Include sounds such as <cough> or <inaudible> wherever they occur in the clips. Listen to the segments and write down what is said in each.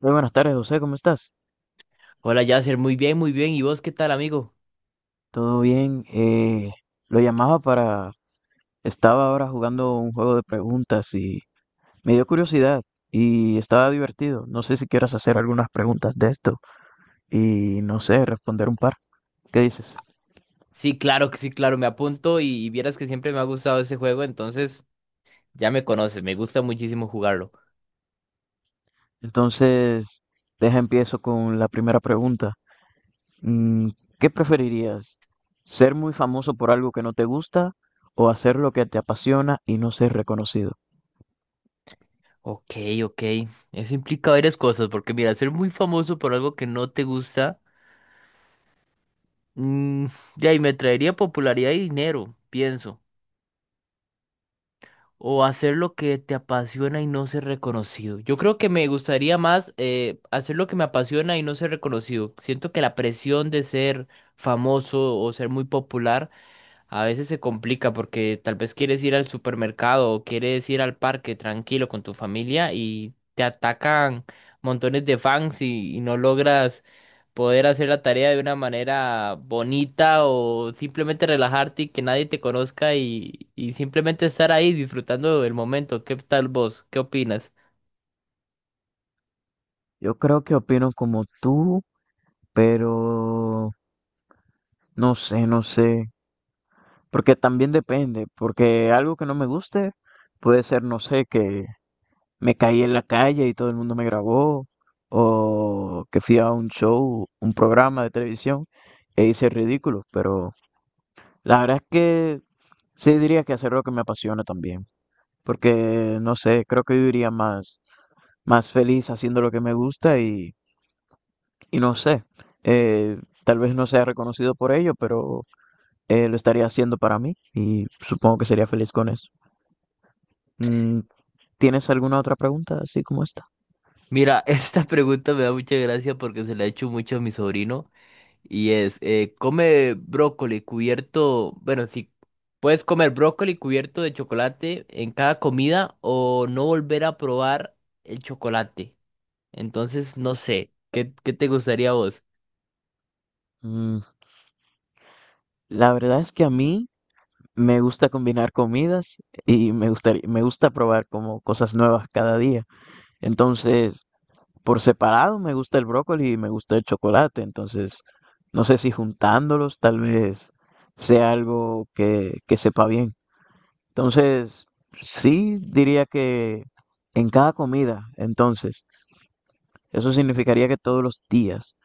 Muy buenas tardes, José, ¿cómo estás? Hola, Yasser, muy bien, muy bien. ¿Y vos qué tal, amigo? ¿Todo bien? Lo llamaba para... Estaba ahora jugando un juego de preguntas y me dio curiosidad y estaba divertido. No sé si quieras hacer algunas preguntas de esto y no sé, responder un par. ¿Qué dices? Sí, claro que sí, claro, me apunto y vieras que siempre me ha gustado ese juego, entonces ya me conoces, me gusta muchísimo jugarlo. Entonces, deja empiezo con la primera pregunta. Mm, ¿Qué preferirías? ¿Ser muy famoso por algo que no te gusta o hacer lo que te apasiona y no ser reconocido? Ok, ok. Eso implica varias cosas, porque mira, ser muy famoso por algo que no te gusta, mm, de ahí me traería popularidad y dinero, pienso. O hacer lo que te apasiona y no ser reconocido. Yo creo que me gustaría más hacer lo que me apasiona y no ser reconocido. Siento que la presión de ser famoso o ser muy popular a veces se complica porque tal vez quieres ir al supermercado o quieres ir al parque tranquilo con tu familia y te atacan montones de fans y no logras poder hacer la tarea de una manera bonita o simplemente relajarte y que nadie te conozca y simplemente estar ahí disfrutando del momento. ¿Qué tal vos? ¿Qué opinas? Yo creo que opino como tú, pero no sé, porque también depende, porque algo que no me guste puede ser, no sé, que me caí en la calle y todo el mundo me grabó, o que fui a un show, un programa de televisión e hice ridículo, pero la verdad es que sí diría que hacer lo que me apasiona también. Porque no sé, creo que viviría más feliz haciendo lo que me gusta y no sé, eh, tal vez no sea reconocido por ello, pero lo estaría haciendo para mí y supongo que sería feliz con eso. Mm, ¿Tienes alguna otra pregunta así como esta? Mira, <laughs> esta pregunta me da mucha gracia porque se la he hecho mucho a mi sobrino. Y es, come brócoli cubierto, bueno, si puedes comer brócoli cubierto de chocolate en cada comida o no volver a probar el chocolate. Entonces, no sé, ¿qué te gustaría a vos? Mm, la verdad es que a mí me gusta combinar comidas y me gusta probar como cosas nuevas cada día. Entonces, por separado me gusta el brócoli y me gusta el chocolate, entonces no sé si juntándolos tal vez sea algo que sepa bien. Entonces, sí diría que en cada comida, entonces, eso significaría que todos los días,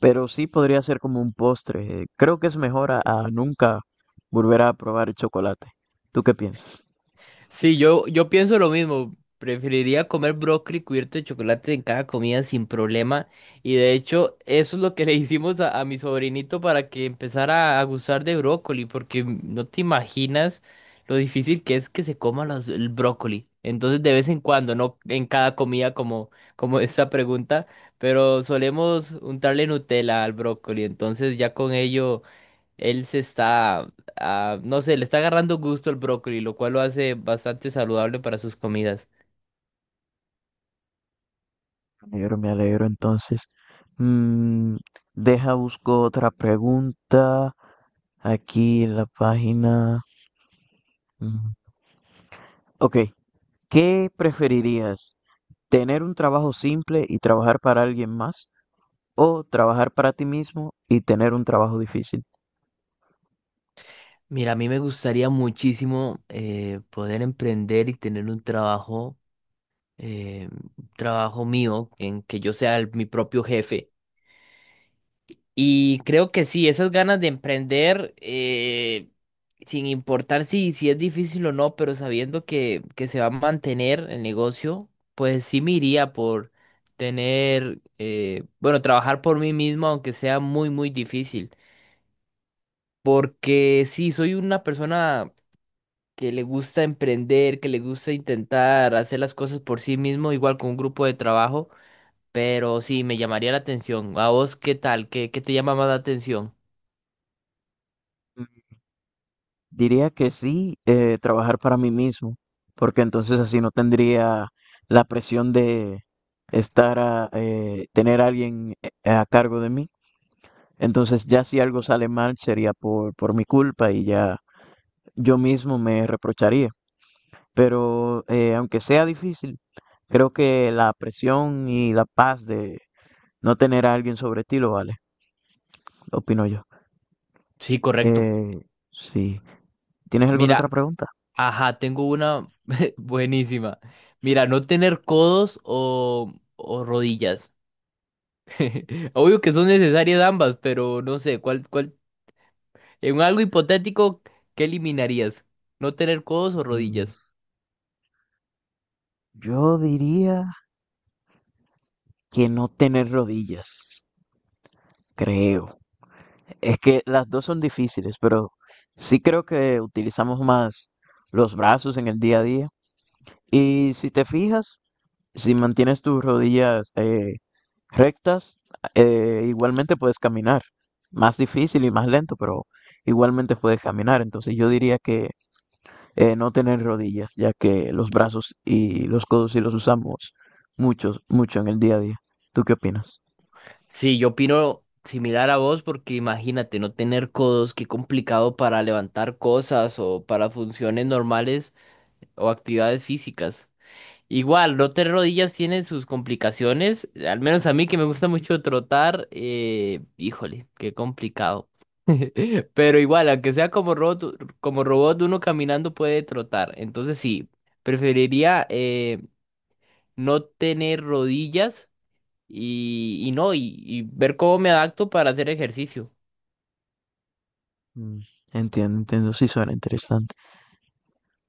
pero sí podría ser como un postre. Creo que es mejor a nunca volver a probar el chocolate. ¿Tú qué piensas? Sí, yo pienso lo mismo. Preferiría comer brócoli cubierto de chocolate en cada comida sin problema. Y de hecho, eso es lo que <laughs> le hicimos a mi sobrinito para que empezara a gustar de brócoli, porque no te imaginas lo difícil que es que se coma el brócoli. Entonces, de vez en cuando, no en cada comida como, como <laughs> esta pregunta, pero solemos untarle Nutella al brócoli. Entonces, ya con ello. Él se está, ah, no sé, le está agarrando gusto al brócoli, lo cual lo hace bastante saludable para sus comidas. Me alegro entonces. Mm, Deja, busco otra pregunta. Aquí en la página. mm, Ok, ¿qué preferirías? ¿Tener un trabajo simple y trabajar para alguien más? ¿O trabajar para ti mismo y tener un trabajo difícil? Mira, a mí me gustaría muchísimo poder emprender y tener un trabajo mío, en que yo sea mi propio jefe. Y creo que sí, esas ganas de emprender, sin importar si es difícil o no, pero sabiendo que se va a mantener el negocio, pues sí me iría por tener, bueno, trabajar por mí mismo, aunque sea muy, muy difícil. Porque sí, soy una persona que le gusta emprender, que le gusta intentar hacer las cosas por sí mismo, igual con un grupo de trabajo, pero sí, me llamaría la atención. ¿A vos qué tal? ¿Qué te llama más la atención? Mm, Diría que sí, trabajar para mí mismo, porque entonces así no tendría la presión de estar tener a alguien a cargo de mí. Entonces ya si algo sale mal sería por mi culpa y ya yo mismo me reprocharía. Pero aunque sea difícil, creo que la presión y la paz de no tener a alguien sobre ti lo vale, opino yo. Sí, correcto. Eh, sí. ¿Tienes alguna otra Mira, pregunta? ajá, tengo una <laughs> buenísima. Mira, no tener codos o rodillas. <laughs> Obvio que son necesarias ambas, pero no sé, ¿cuál? En algo hipotético, ¿qué eliminarías? ¿No tener codos o Mm, rodillas? Yo diría que no tener rodillas, creo. Es que las dos son difíciles, pero sí creo que utilizamos más los brazos en el día a día. Y si te fijas, si mantienes tus rodillas rectas, igualmente puedes caminar. Más difícil y más lento, pero igualmente puedes caminar. Entonces yo diría que no tener rodillas, ya que los brazos y los codos sí los usamos mucho en el día a día. ¿Tú qué opinas? Sí, yo opino similar a vos porque imagínate, no tener codos, qué complicado para levantar cosas o para funciones normales o actividades físicas. Igual, rotar rodillas tiene sus complicaciones, al menos a mí que me gusta mucho trotar, híjole, qué complicado. <laughs> Pero igual, aunque sea como robot, uno caminando puede trotar. Entonces sí, preferiría no tener rodillas y no, y ver cómo me adapto para hacer ejercicio. Mm, Entiendo, entiendo, sí suena interesante.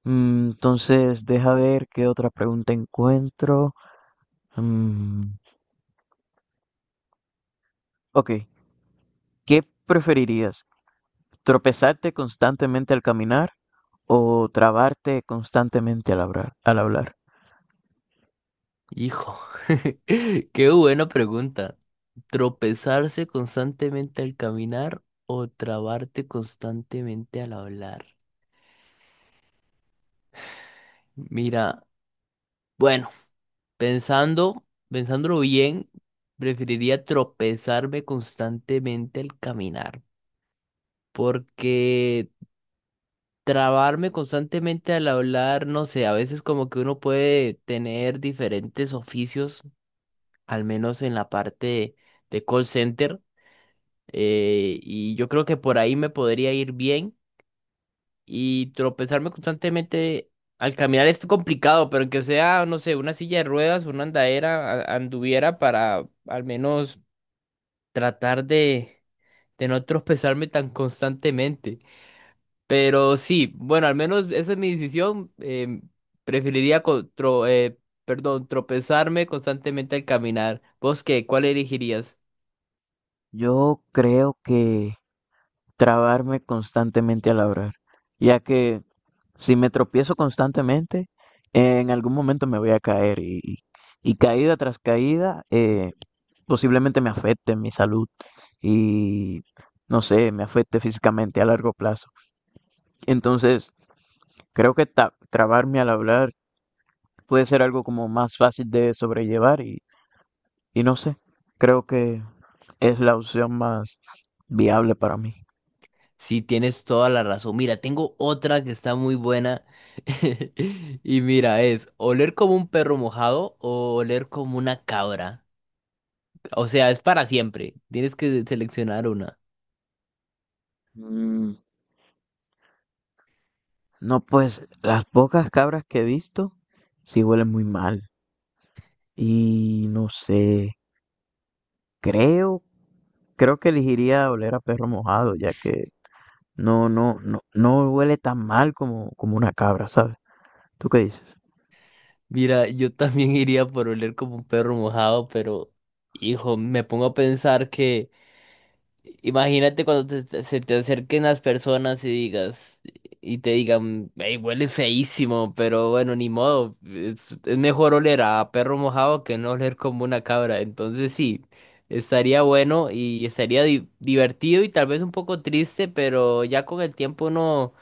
Entonces, deja ver qué otra pregunta encuentro. Mm, ok, ¿qué preferirías? ¿Tropezarte constantemente al caminar o trabarte constantemente al hablar, al hablar? Hijo, <laughs> qué buena pregunta. ¿Tropezarse constantemente al caminar o trabarte constantemente al hablar? Mira, bueno, pensándolo bien, preferiría tropezarme constantemente al caminar, porque trabarme constantemente al hablar, no sé, a veces como que uno puede tener diferentes oficios, al menos en la parte de call center, y yo creo que por ahí me podría ir bien y tropezarme constantemente al caminar es complicado, pero que sea, no sé, una silla de ruedas, una andadera, anduviera para al menos tratar de no tropezarme tan constantemente. Pero sí, bueno, al menos esa es mi decisión. Preferiría perdón, tropezarme constantemente al caminar. ¿Vos qué? ¿Cuál elegirías? Yo creo que trabarme constantemente al hablar, ya que si me tropiezo constantemente, en algún momento me voy a caer, y caída tras caída posiblemente me afecte mi salud y no sé, me afecte físicamente a largo plazo. Entonces, creo que trabarme al hablar puede ser algo como más fácil de sobrellevar, y no sé, creo que es la opción más viable para mí. Sí, tienes toda la razón. Mira, tengo otra que está muy buena. <laughs> Y mira, es oler como un perro mojado o oler como una cabra. O sea, es para siempre. Tienes que seleccionar una. Mm, No, pues las pocas cabras que he visto sí huelen muy mal. Y no sé, creo, creo que elegiría oler a perro mojado, ya que no huele tan mal como una cabra, ¿sabes? ¿Tú qué dices? Mira, yo también <laughs> iría por oler como un perro mojado, pero hijo, me pongo a pensar que imagínate cuando se te acerquen las personas y digas, y te digan, hey, huele feísimo, pero bueno, ni modo, es mejor oler a perro mojado que no oler como una cabra. Entonces sí, estaría bueno y estaría divertido y tal vez un poco triste, pero ya con el tiempo no,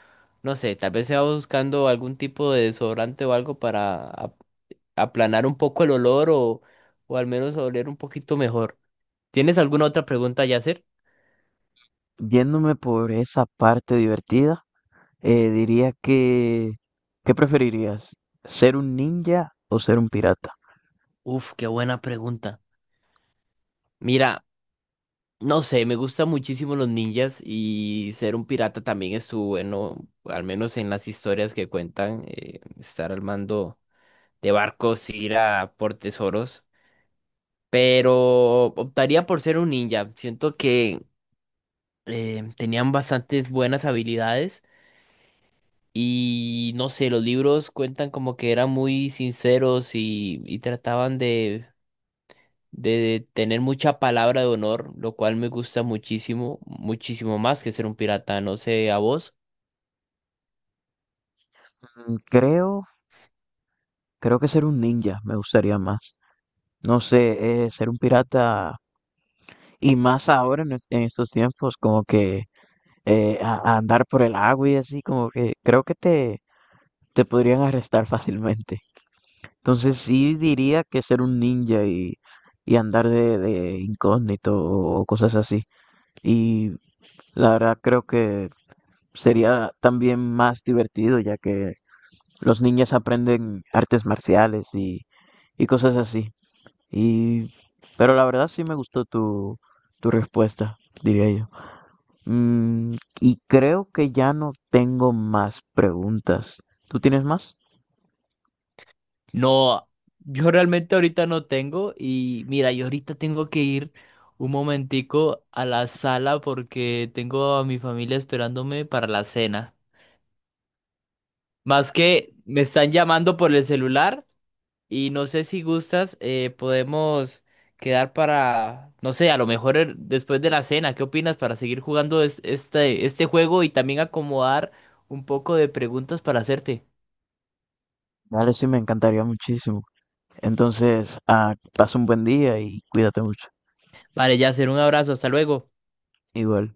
no sé, tal vez se va buscando algún tipo de desodorante o algo para aplanar un poco el olor o al menos oler un poquito mejor. ¿Tienes alguna otra pregunta, Yasser? Yéndome por esa parte divertida, diría que, ¿qué preferirías? ¿Ser un ninja o ser un pirata? Uf, qué buena pregunta. Mira, no sé, me gustan muchísimo los ninjas y ser un pirata también estuvo bueno, al menos en las historias que cuentan, estar al mando de barcos, ir a por tesoros, pero optaría por ser un ninja. Siento que tenían bastantes buenas habilidades y no sé, los libros cuentan como que eran muy sinceros y trataban de tener mucha palabra de honor, lo cual me gusta muchísimo, muchísimo más que ser un pirata, no sé, a vos. Mm, Creo, Creo que ser un ninja me gustaría más. No sé, ser un pirata y más ahora en estos tiempos, como que a andar por el agua y así, como que creo que te podrían arrestar fácilmente. Entonces sí diría que ser un ninja y andar de incógnito o cosas así. Y la verdad creo que sería también más divertido, ya que los ninjas aprenden artes marciales y cosas así. Y pero la verdad sí me gustó tu respuesta, diría yo. Mm, y creo que ya no tengo más preguntas. ¿Tú tienes más? No, yo realmente ahorita no tengo y mira, yo ahorita tengo que ir un momentico a la sala porque tengo a mi familia esperándome para la cena. Más que me están llamando por el celular. Y no sé si gustas, podemos quedar para, no sé, a lo mejor después de la cena, ¿qué opinas para seguir jugando este, este juego y también acomodar un poco de preguntas para hacerte? Dale, sí, me encantaría muchísimo. Entonces, ah, pasa un buen día y cuídate mucho. Vale, ya hacer un abrazo, hasta luego. Igual.